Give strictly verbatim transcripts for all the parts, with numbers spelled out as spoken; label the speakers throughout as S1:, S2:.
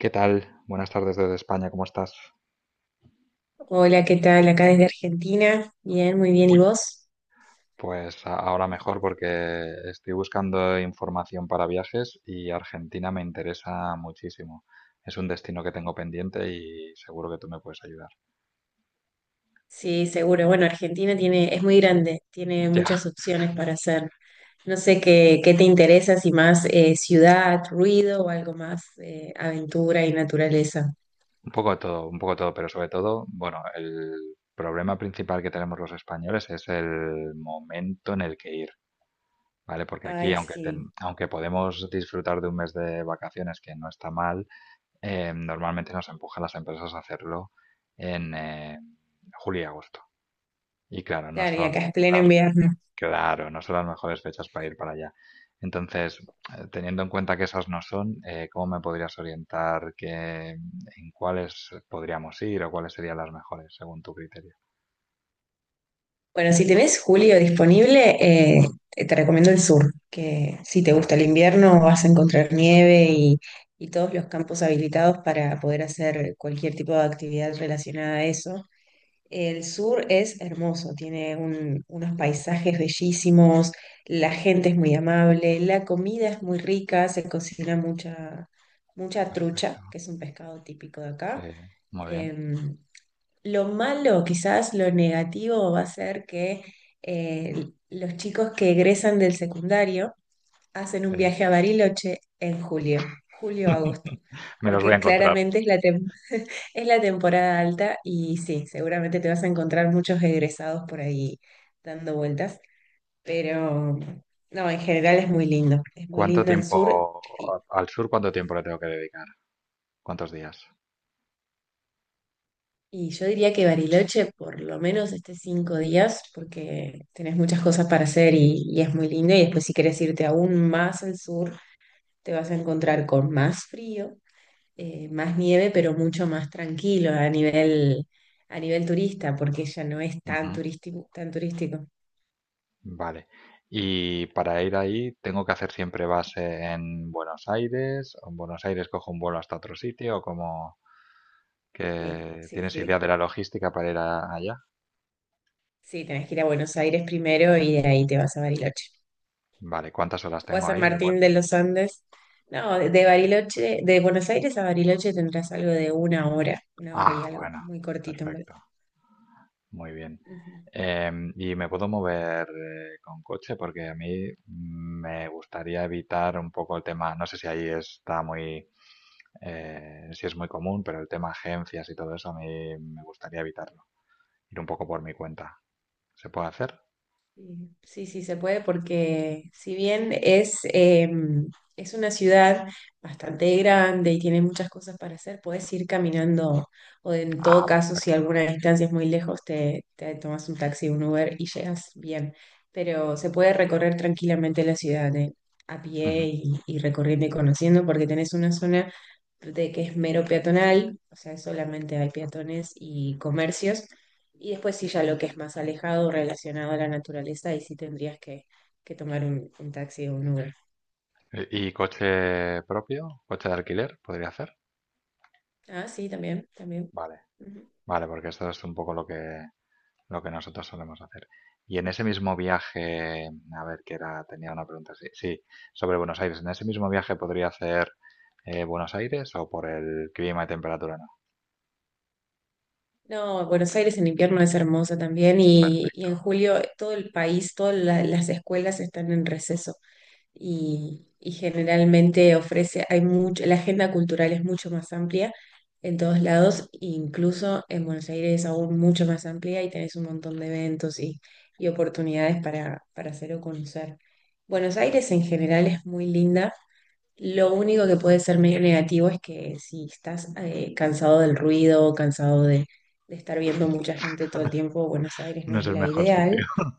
S1: ¿Qué tal? Buenas tardes desde España, ¿cómo estás?
S2: Hola, ¿qué tal? Acá desde Argentina. Bien, muy bien. ¿Y
S1: Uy,
S2: vos?
S1: pues a- ahora mejor porque estoy buscando información para viajes y Argentina me interesa muchísimo. Es un destino que tengo pendiente y seguro que tú me puedes ayudar.
S2: Sí, seguro. Bueno, Argentina tiene, es muy grande, tiene
S1: Ya,
S2: muchas opciones para hacer. No sé qué, qué te interesa, si más eh, ciudad, ruido o algo más eh, aventura y naturaleza.
S1: un poco de todo, un poco de todo, pero sobre todo, bueno, el problema principal que tenemos los españoles es el momento en el que ir, ¿vale? Porque aquí,
S2: Ay,
S1: aunque,
S2: sí.
S1: ten- aunque podemos disfrutar de un mes de vacaciones, que no está mal, eh, normalmente nos empujan las empresas a hacerlo en eh, julio y agosto. Y claro, no
S2: Claro, y
S1: son
S2: acá es pleno
S1: las, me-
S2: invierno.
S1: claro, no son las mejores fechas para ir para allá. Entonces, eh, teniendo en cuenta que esas no son, eh, ¿cómo me podrías orientar que, en cuáles podríamos ir o cuáles serían las mejores según tu criterio?
S2: Bueno, si tenés julio disponible, eh, te te recomiendo el sur, que si te gusta el
S1: Vale,
S2: invierno vas a encontrar nieve y, y todos los campos habilitados para poder hacer cualquier tipo de actividad relacionada a eso. El sur es hermoso, tiene un- unos paisajes bellísimos, la gente es muy amable, la comida es muy rica, se cocina mucha, mucha trucha,
S1: perfecto.
S2: que es un pescado típico de
S1: Sí,
S2: acá.
S1: muy bien.
S2: Em, lo malo, quizás lo negativo, va a ser que eh, los chicos que egresan del secundario hacen un
S1: Sí.
S2: viaje a Bariloche en julio, julio-agosto,
S1: Me los voy a
S2: porque
S1: encontrar.
S2: claramente es la, tem- es la temporada alta y sí, seguramente te vas a encontrar muchos egresados por ahí dando vueltas, pero no, en general es muy lindo, es muy
S1: ¿Cuánto
S2: lindo el sur.
S1: tiempo al sur, cuánto tiempo le tengo que dedicar? ¿Cuántos días?
S2: Y yo diría que Bariloche por lo menos esté cinco días porque tenés muchas cosas para hacer y, y es muy lindo. Y después si querés irte aún más al sur, te vas a encontrar con más frío, eh, más nieve, pero mucho más tranquilo a nivel, a nivel turista, porque ya no es tan
S1: Ujú.
S2: turístico, tan turístico.
S1: Vale. Y para ir ahí, ¿tengo que hacer siempre base en Buenos Aires? ¿O en Buenos Aires cojo un vuelo hasta otro sitio? ¿O como
S2: Sí,
S1: que
S2: sí,
S1: tienes
S2: sí.
S1: idea de la logística para ir a- allá?
S2: Sí, tenés que ir a Buenos Aires primero y de ahí te vas a Bariloche
S1: Vale, ¿cuántas horas
S2: o a
S1: tengo
S2: San
S1: ahí de
S2: Martín
S1: vuelo?
S2: de los Andes. No, de de Bariloche, de Buenos Aires a Bariloche tendrás algo de una hora, una hora y
S1: Ah,
S2: algo,
S1: bueno,
S2: muy cortito en
S1: perfecto,
S2: verdad.
S1: muy bien.
S2: Ujú.
S1: Em, ¿y me puedo mover eh, con coche? Porque a mí me gustaría evitar un poco el tema, no sé si ahí está muy, eh, si es muy común, pero el tema agencias y todo eso a mí me gustaría evitarlo, ir un poco por mi cuenta. ¿Se puede hacer?
S2: Sí, sí, sí, se puede porque si bien es, eh, es una ciudad bastante grande y tiene muchas cosas para hacer, puedes ir caminando o en todo
S1: Ah,
S2: caso, si
S1: perfecto.
S2: alguna distancia es muy lejos, te, te tomas un taxi, un Uber y llegas bien. Pero se puede recorrer tranquilamente la ciudad eh, a
S1: Ujú.
S2: pie y, y recorriendo y conociendo porque tenés una zona de que es mero peatonal, o sea, solamente hay peatones y comercios y después sí ya lo que es más alejado, relacionado a la naturaleza, ahí sí tendrías que, que tomar un, un taxi o un Uber.
S1: ¿Y y coche propio? ¿Coche de alquiler? ¿Podría hacer?
S2: Ah, sí, también, también.
S1: Vale,
S2: Ujú.
S1: vale, porque esto es un poco lo que, lo que, nosotros solemos hacer. Y en ese mismo viaje, a ver, que era, tenía una pregunta, sí, sí, sobre Buenos Aires. ¿En ese mismo viaje podría hacer eh, Buenos Aires o por el clima y temperatura no?
S2: No, Buenos Aires en invierno es hermosa también
S1: Per-
S2: y, y en julio todo el país, todas la- las escuelas están en receso. y, y generalmente ofrece, hay mucho, la agenda cultural es mucho más amplia en todos lados, incluso en Buenos Aires es aún mucho más amplia y tenés un montón de eventos y, y oportunidades para, para hacer o conocer. Buenos Aires en general es muy linda. Lo único que puede ser medio negativo es que si estás eh, cansado del ruido, cansado de, de estar viendo mucha gente todo el tiempo, Buenos Aires no
S1: No es
S2: es
S1: el
S2: la
S1: mejor
S2: ideal.
S1: sitio.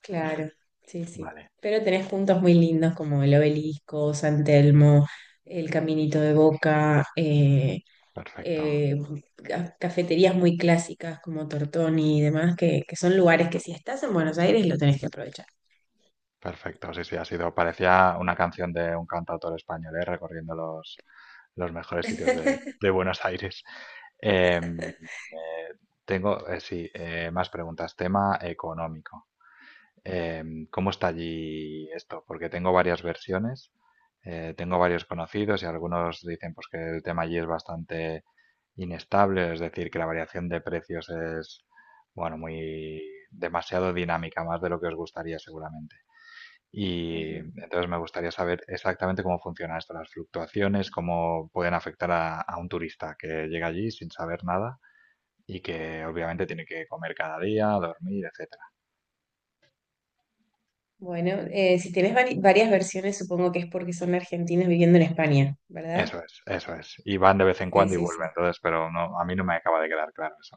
S2: Claro, sí, sí.
S1: Vale,
S2: Pero tenés puntos muy lindos como el Obelisco, San Telmo, el Caminito de Boca, eh,
S1: perfecto.
S2: eh, ca- cafeterías muy clásicas como Tortoni y demás, que, que son lugares que si estás en Buenos Aires lo tenés que aprovechar.
S1: Perfecto, sí, sí, ha sido, parecía una canción de un cantautor español, ¿eh? Recorriendo los, los, mejores sitios de, de Buenos Aires. Em, eh, tengo, eh, sí, eh, más preguntas. Tema económico. Em, ¿cómo está allí esto? Porque tengo varias versiones, eh, tengo varios conocidos y algunos dicen pues, que el tema allí es bastante inestable, es decir, que la variación de precios es, bueno, muy demasiado dinámica, más de lo que os gustaría seguramente. Y
S2: Ujú.
S1: entonces me gustaría saber exactamente cómo funciona esto, las fluctuaciones, cómo pueden afectar a, a un turista que llega allí sin saber nada y que obviamente tiene que comer cada día, dormir, etcétera.
S2: Bueno, eh, si tenés vari- varias versiones, supongo que es porque son argentinos viviendo en España, ¿verdad?
S1: Eso es, eso es. Y van de vez en
S2: Sí,
S1: cuando y
S2: sí,
S1: vuelven,
S2: sí.
S1: entonces, pero no, a mí no me acaba de quedar claro eso.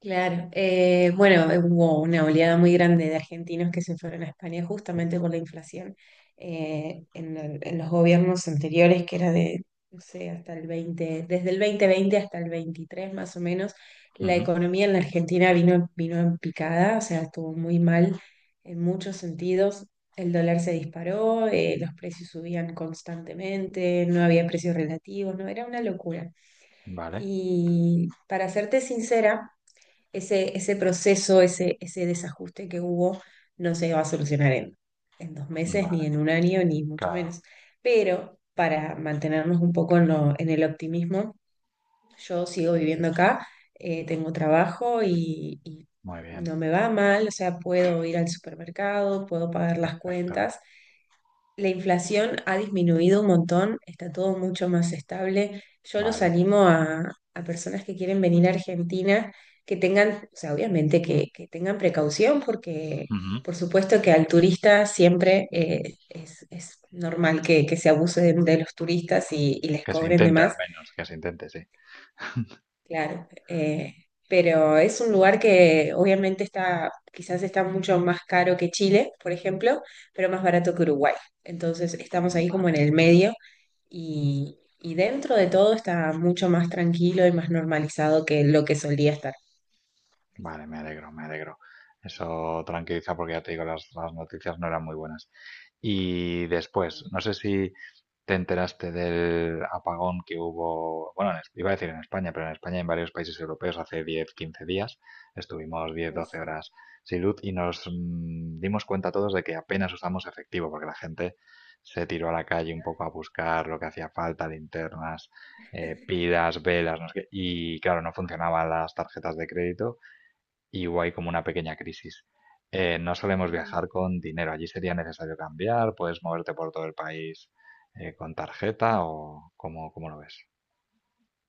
S2: Claro, eh, bueno, eh, hubo una oleada muy grande de argentinos que se fueron a España justamente por la inflación. Eh, en, el- en los gobiernos anteriores, que era de, no sé, hasta el veinte, desde el dos mil veinte hasta el veintitrés más o menos, la
S1: Ujú.
S2: economía en la Argentina vino, vino en picada, o sea, estuvo muy mal en muchos sentidos. El dólar se disparó, eh, los precios subían constantemente, no había precios relativos, no, era una locura.
S1: Vale,
S2: Y para serte sincera, ese, ese proceso, ese, ese desajuste que hubo, no se va a solucionar en, en, dos meses,
S1: vale,
S2: ni en un año, ni mucho
S1: claro,
S2: menos. Pero para mantenernos un poco en, lo- en el optimismo, yo sigo viviendo acá, eh, tengo trabajo y, y
S1: muy bien,
S2: no me va mal, o sea, puedo ir al supermercado, puedo pagar las
S1: perfecto,
S2: cuentas. La inflación ha disminuido un montón, está todo mucho más estable. Yo los
S1: vale.
S2: animo a, a personas que quieren venir a Argentina que tengan, o sea, obviamente que, que tengan precaución porque
S1: Ujú.
S2: por supuesto que al turista siempre eh, es, es normal que, que se abuse de, de los turistas y, y les
S1: Que se
S2: cobren de
S1: intente al
S2: más.
S1: menos, que se intente, sí.
S2: Claro, eh, pero es un lugar que obviamente está, quizás está mucho más caro que Chile, por ejemplo, pero más barato que Uruguay. Entonces estamos ahí como en
S1: Vale.
S2: el medio y, y dentro de todo está mucho más tranquilo y más normalizado que lo que solía estar.
S1: Vale, me alegro, me alegro. Eso tranquiliza porque ya te digo, las, las noticias no eran muy buenas. Y después, no sé si te enteraste del apagón que hubo, bueno, en Es- iba a decir en España, pero en España y en varios países europeos hace diez quince días. Estuvimos diez
S2: Uy,
S1: doce
S2: sí.
S1: horas sin luz y nos mm, dimos cuenta todos de que apenas usamos efectivo porque la gente se tiró a la calle un poco a buscar lo que hacía falta, linternas, eh, pilas, velas, no sé qué. Y claro, no funcionaban las tarjetas de crédito y hubo ahí como una pequeña crisis. Eh, no solemos
S2: Ujú.
S1: viajar con dinero, allí sería necesario cambiar, puedes moverte por todo el país eh, con tarjeta o cómo, cómo, lo ves.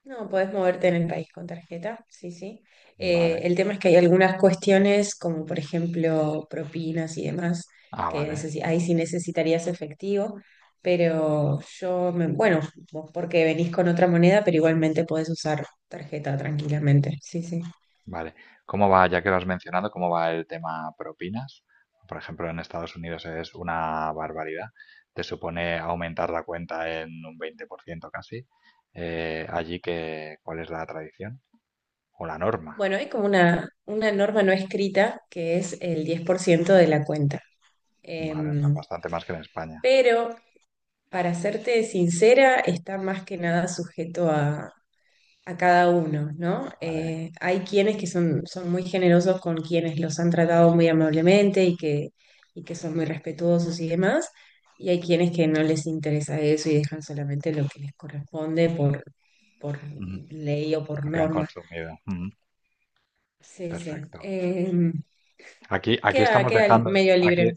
S2: No, podés moverte en el país con tarjeta, sí, sí. Eh,
S1: Vale,
S2: el tema es que hay algunas cuestiones, como por ejemplo propinas y demás,
S1: ah,
S2: que
S1: vale,
S2: eso sí- ahí sí necesitarías efectivo, pero yo, me, bueno, vos porque venís con otra moneda, pero igualmente podés usar tarjeta tranquilamente, sí, sí.
S1: vale. ¿Cómo va, ya que lo has mencionado, cómo va el tema propinas? Por ejemplo, en Estados Unidos es una barbaridad, te supone aumentar la cuenta en un veinte por ciento casi. Eh, allí que, ¿cuál es la tradición? O la norma,
S2: Bueno, hay como una, una norma no escrita que es el diez por ciento de la cuenta.
S1: ¿vale? O sea,
S2: Em,
S1: bastante más que en España,
S2: pero, para serte sincera, está más que nada sujeto a a cada uno, ¿no?
S1: ¿vale?
S2: Eh, hay quienes que son, son muy generosos con quienes los han tratado muy amablemente y que, y que son muy respetuosos y demás, y hay quienes que no les interesa eso y dejan solamente lo que les corresponde por, por ley o por
S1: Lo que han
S2: norma.
S1: consumido. Mm,
S2: Sí, sí.
S1: perfecto.
S2: Eh,
S1: Aquí, aquí
S2: queda,
S1: estamos
S2: queda
S1: dejando,
S2: medio
S1: aquí
S2: libre.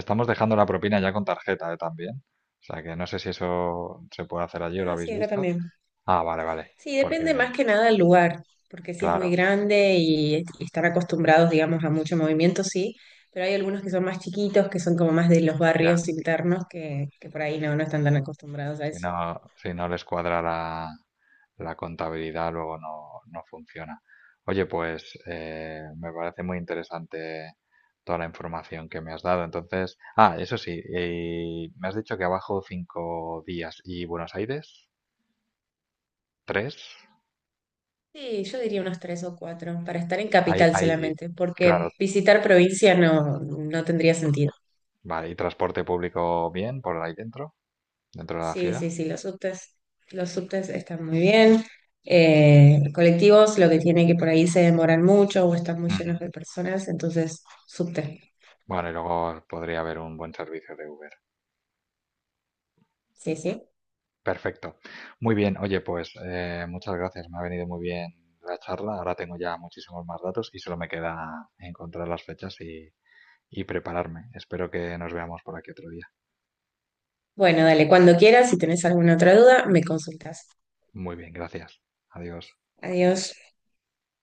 S1: estamos dejando la propina ya con tarjeta, ¿eh? También. O sea que no sé si eso se puede hacer allí o lo
S2: Ah,
S1: habéis
S2: sí, acá
S1: visto.
S2: también.
S1: Ah, vale, vale.
S2: Sí,
S1: Porque,
S2: depende más que nada del lugar, porque si es muy
S1: claro,
S2: grande y, y están acostumbrados, digamos, a mucho movimiento, sí, pero hay algunos que son más chiquitos, que son como más de los
S1: ya.
S2: barrios internos, que, que por ahí no, no están tan acostumbrados a
S1: Si
S2: eso.
S1: no, si no les cuadra la, la, contabilidad, luego no, no funciona. Oye, pues eh, me parece muy interesante toda la información que me has dado. Entonces, ah, eso sí, y me has dicho que abajo cinco días. ¿Y Buenos Aires? ¿Tres?
S2: Sí, yo diría unos tres o cuatro, para estar en
S1: ¿Hay,
S2: capital
S1: hay,
S2: solamente, porque
S1: claro,
S2: visitar provincia no, no tendría sentido.
S1: vale, y transporte público bien por ahí dentro, dentro, de la
S2: Sí,
S1: ciudad?
S2: sí, sí, los subtes, los subtes están muy bien. Eh, colectivos, lo que tiene que por ahí se demoran mucho o están muy
S1: Ujú.
S2: llenos de personas, entonces subte.
S1: Bueno, y luego podría haber un buen servicio de Uber.
S2: Sí, sí.
S1: Perfecto. Muy bien, oye, pues eh, muchas gracias, me ha venido muy bien la charla, ahora tengo ya muchísimos más datos y solo me queda encontrar las fechas y, y, prepararme. Espero que nos veamos por aquí otro día.
S2: Bueno, dale, cuando quieras, si tenés alguna otra duda, me consultas.
S1: Muy bien, gracias. Adiós.
S2: Adiós.